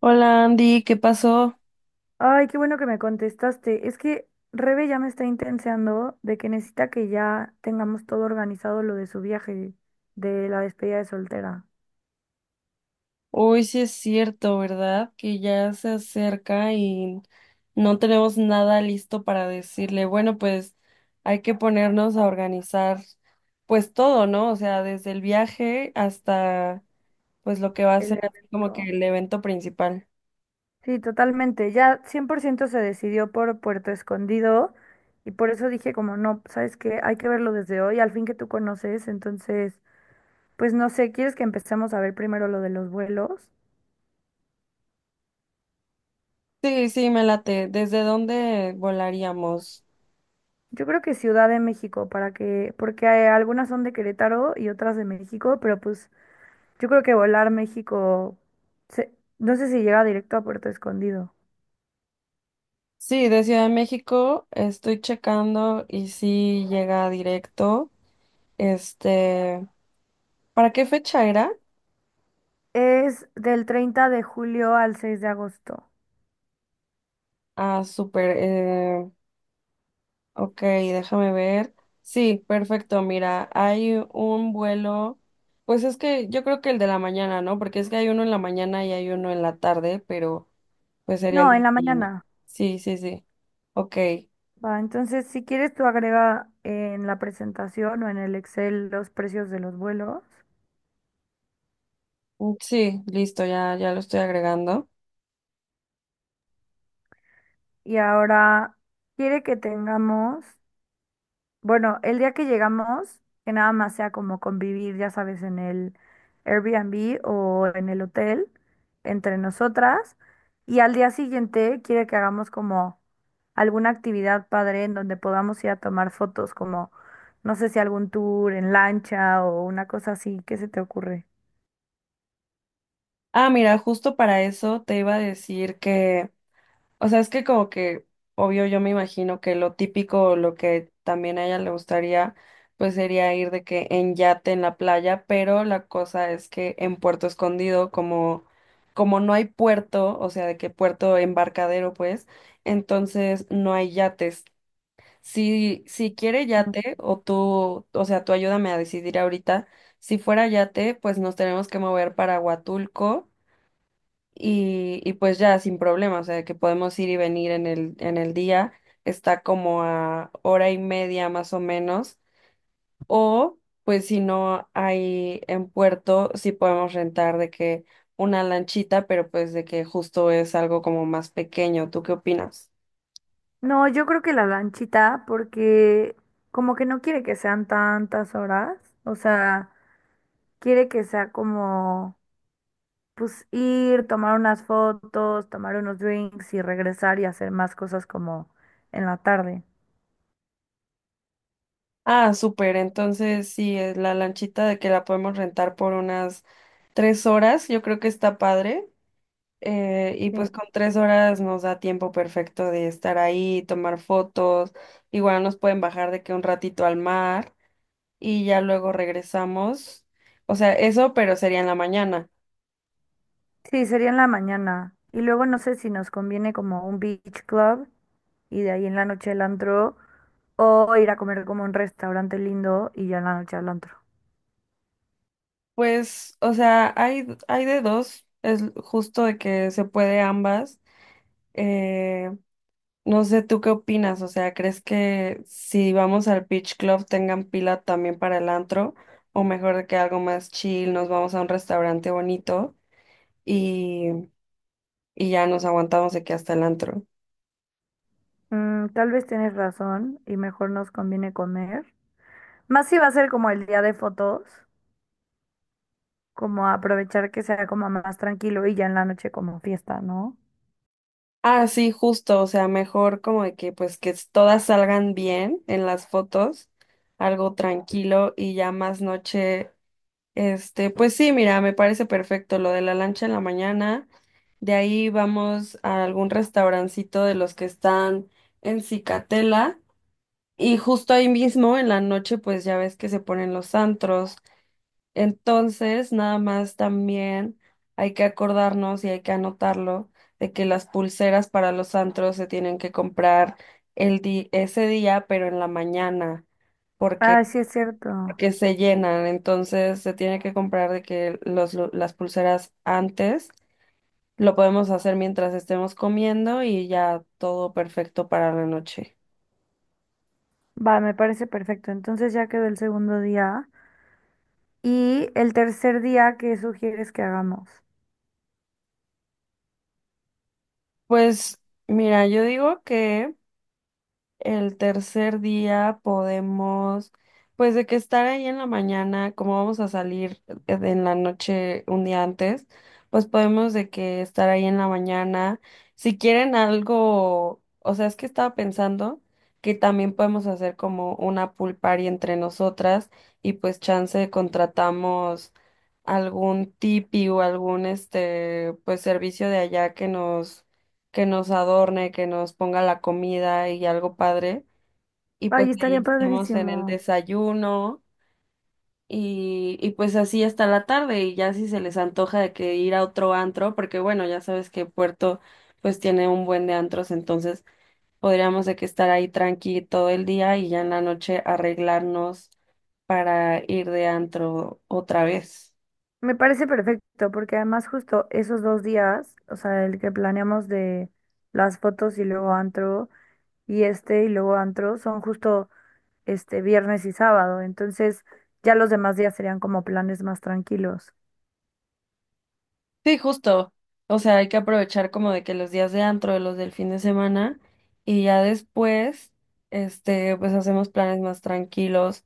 Hola Andy, ¿qué pasó? Ay, qué bueno que me contestaste. Es que Rebe ya me está intenseando de que necesita que ya tengamos todo organizado lo de su viaje, de la despedida de soltera, Hoy sí es cierto, ¿verdad? Que ya se acerca y no tenemos nada listo para decirle. Bueno, pues hay que ponernos a organizar pues todo, ¿no? O sea, desde el viaje hasta pues lo que va a el ser así como que evento. el evento principal. Sí, totalmente. Ya 100% se decidió por Puerto Escondido y por eso dije como, no, ¿sabes qué? Hay que verlo desde hoy, al fin que tú conoces. Entonces, pues no sé, ¿quieres que empecemos a ver primero lo de los vuelos? Sí, sí, me late. ¿Desde dónde volaríamos? Yo creo que Ciudad de México, para que, porque algunas son de Querétaro y otras de México, pero pues yo creo que volar México, se- no sé si llega directo a Puerto Escondido. Sí, de Ciudad de México estoy checando y sí llega directo. Este, ¿para qué fecha era? Es del 30 de julio al 6 de agosto. Ah, súper. Ok, déjame ver. Sí, perfecto. Mira, hay un vuelo. Pues es que yo creo que el de la mañana, ¿no? Porque es que hay uno en la mañana y hay uno en la tarde, pero pues sería el No, de en la la mañana. mañana. Sí, sí, sí. Ok. Va, entonces si quieres tú agrega en la presentación o en el Excel los precios de los vuelos. Sí, listo, ya, ya lo estoy agregando. Y ahora quiere que tengamos, bueno, el día que llegamos, que nada más sea como convivir, ya sabes, en el Airbnb o en el hotel entre nosotras. Y al día siguiente quiere que hagamos como alguna actividad padre en donde podamos ir a tomar fotos, como no sé si algún tour en lancha o una cosa así. ¿Qué se te ocurre? Ah, mira, justo para eso te iba a decir que o sea, es que como que, obvio, yo me imagino que lo típico, o lo que también a ella le gustaría, pues sería ir de que en yate en la playa, pero la cosa es que en Puerto Escondido, como, como no hay puerto, o sea, de que puerto embarcadero, pues, entonces no hay yates. Si, si quiere Mm. yate, o tú, o sea, tú ayúdame a decidir ahorita, si fuera yate, pues nos tenemos que mover para Huatulco y pues ya sin problema, o sea, que podemos ir y venir en el día, está como a hora y media más o menos, o pues si no hay en puerto, sí podemos rentar de que una lanchita, pero pues de que justo es algo como más pequeño, ¿tú qué opinas? No, yo creo que la lanchita, porque como que no quiere que sean tantas horas, o sea, quiere que sea como pues ir, tomar unas fotos, tomar unos drinks y regresar y hacer más cosas como en la tarde. Ah, súper, entonces sí, es la lanchita de que la podemos rentar por unas tres horas, yo creo que está padre. Y Sí, pues con tres horas nos da tiempo perfecto de estar ahí, tomar fotos. Igual nos pueden bajar de que un ratito al mar y ya luego regresamos. O sea, eso, pero sería en la mañana. sí, sería en la mañana. Y luego no sé si nos conviene como un beach club y de ahí en la noche el antro o ir a comer como a un restaurante lindo y ya en la noche al antro. Pues, o sea, hay de dos. Es justo de que se puede ambas. Eh, no sé, ¿tú qué opinas? O sea, ¿crees que si vamos al Beach Club tengan pila también para el antro? O mejor de que algo más chill, nos vamos a un restaurante bonito. Y ya nos aguantamos de que hasta el antro. Tal vez tienes razón y mejor nos conviene comer. Más si va a ser como el día de fotos, como aprovechar que sea como más tranquilo y ya en la noche como fiesta, ¿no? Ah, sí, justo, o sea, mejor como de que pues que todas salgan bien en las fotos, algo tranquilo y ya más noche, este, pues sí, mira, me parece perfecto lo de la lancha en la mañana, de ahí vamos a algún restaurancito de los que están en Cicatela y justo ahí mismo en la noche pues ya ves que se ponen los antros. Entonces, nada más también hay que acordarnos y hay que anotarlo de que las pulseras para los antros se tienen que comprar ese día, pero en la mañana, Ah, porque, sí es cierto. porque se llenan. Entonces, se tiene que comprar de que los, las pulseras antes lo podemos hacer mientras estemos comiendo y ya todo perfecto para la noche. Va, me parece perfecto. Entonces ya quedó el segundo día. Y el tercer día, ¿qué sugieres que hagamos? Pues mira, yo digo que el tercer día podemos, pues de que estar ahí en la mañana, como vamos a salir en la noche un día antes, pues podemos de que estar ahí en la mañana. Si quieren algo, o sea, es que estaba pensando que también podemos hacer como una pool party entre nosotras y pues chance contratamos algún tipi o algún este, pues servicio de allá que nos adorne, que nos ponga la comida y algo padre. Y Ay, pues ahí estaría estamos en el padrísimo. desayuno y pues así hasta la tarde y ya si se les antoja de que ir a otro antro, porque bueno, ya sabes que Puerto pues tiene un buen de antros, entonces podríamos de que estar ahí tranqui todo el día y ya en la noche arreglarnos para ir de antro otra vez. Me parece perfecto, porque además justo esos dos días, o sea, el que planeamos de las fotos y luego antro, y este y luego antro, son justo este viernes y sábado. Entonces ya los demás días serían como planes más tranquilos. Sí, justo. O sea, hay que aprovechar como de que los días de antro, los del fin de semana, y ya después, este, pues hacemos planes más tranquilos.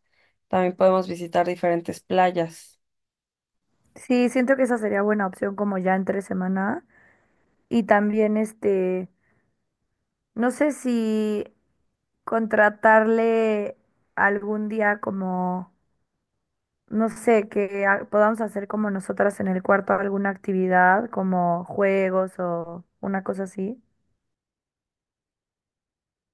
También podemos visitar diferentes playas. Sí, siento que esa sería buena opción como ya entre semana. Y también este, no sé si contratarle algún día como, no sé, que podamos hacer como nosotras en el cuarto alguna actividad, como juegos o una cosa así.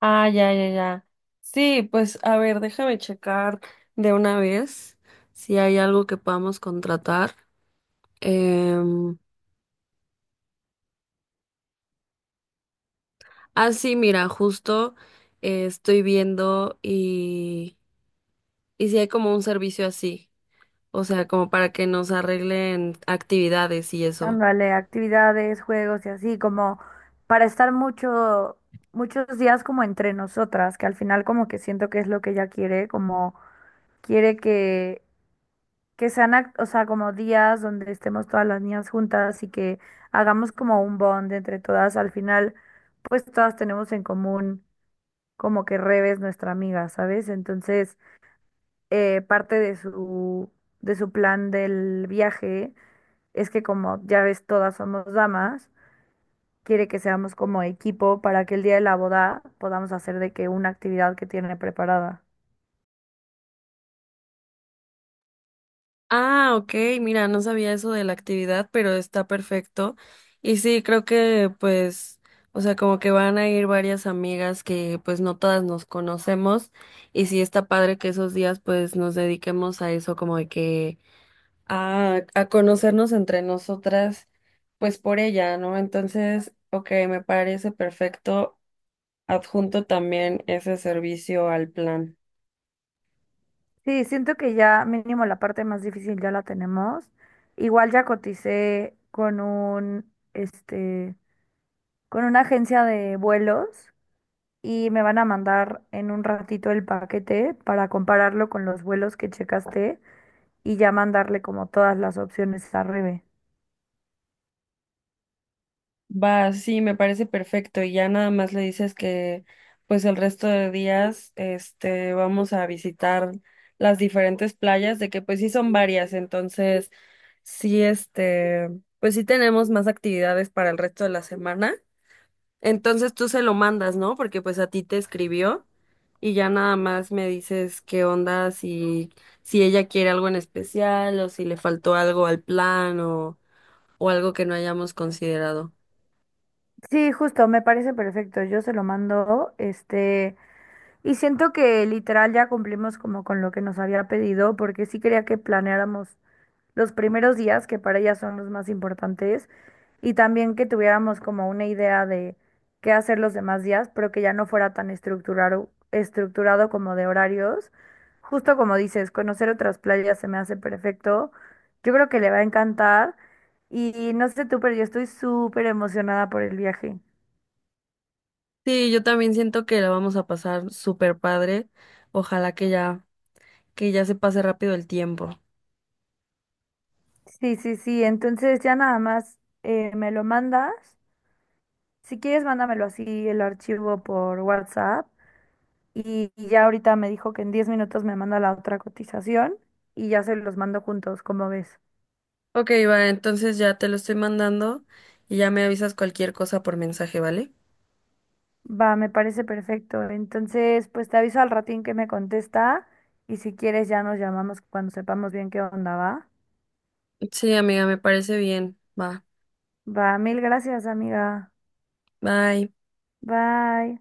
Ah, ya, ya, ya. Sí, pues a ver, déjame checar de una vez si hay algo que podamos contratar. Em, ah, sí, mira, justo estoy viendo y si hay como un servicio así. O sea, como para que nos arreglen actividades y eso. Ándale, actividades, juegos y así, como para estar muchos días como entre nosotras, que al final como que siento que es lo que ella quiere, como quiere que sean, o sea, como días donde estemos todas las niñas juntas y que hagamos como un bond entre todas. Al final, pues todas tenemos en común como que Rebe es nuestra amiga, ¿sabes? Entonces, parte de su plan del viaje es que como ya ves, todas somos damas, quiere que seamos como equipo para que el día de la boda podamos hacer de que una actividad que tiene preparada. Ah, ok, mira, no sabía eso de la actividad, pero está perfecto. Y sí, creo que pues, o sea, como que van a ir varias amigas que pues no todas nos conocemos. Y sí, está padre que esos días pues nos dediquemos a eso, como de que a conocernos entre nosotras, pues por ella, ¿no? Entonces, ok, me parece perfecto. Adjunto también ese servicio al plan. Sí, siento que ya mínimo la parte más difícil ya la tenemos. Igual ya coticé este, con una agencia de vuelos y me van a mandar en un ratito el paquete para compararlo con los vuelos que checaste y ya mandarle como todas las opciones a Rebe. Va, sí, me parece perfecto. Y ya nada más le dices que, pues el resto de días, este, vamos a visitar las diferentes playas, de que pues sí son varias, entonces sí, este, pues sí tenemos más actividades para el resto de la semana. Entonces tú se lo mandas, ¿no? Porque pues a ti te escribió y ya nada más me dices qué onda, si, si ella quiere algo en especial o si le faltó algo al plan o algo que no hayamos considerado. Sí, justo, me parece perfecto. Yo se lo mando, este, y siento que literal ya cumplimos como con lo que nos había pedido, porque sí quería que planeáramos los primeros días, que para ella son los más importantes, y también que tuviéramos como una idea de qué hacer los demás días, pero que ya no fuera tan estructurado, estructurado como de horarios. Justo como dices, conocer otras playas se me hace perfecto. Yo creo que le va a encantar. Y no sé tú, pero yo estoy súper emocionada por el viaje. Sí, yo también siento que la vamos a pasar súper padre. Ojalá que ya se pase rápido el tiempo. Sí, sí, sí. Entonces ya nada más me lo mandas. Si quieres, mándamelo así el archivo por WhatsApp. Y ya ahorita me dijo que en 10 minutos me manda la otra cotización y ya se los mando juntos, como ves. Ok, va, entonces ya te lo estoy mandando y ya me avisas cualquier cosa por mensaje, ¿vale? Va, me parece perfecto. Entonces, pues te aviso al ratín que me contesta y si quieres ya nos llamamos cuando sepamos bien qué onda va. Sí, amiga, me parece bien. Va, Va, mil gracias, amiga. bye. Bye.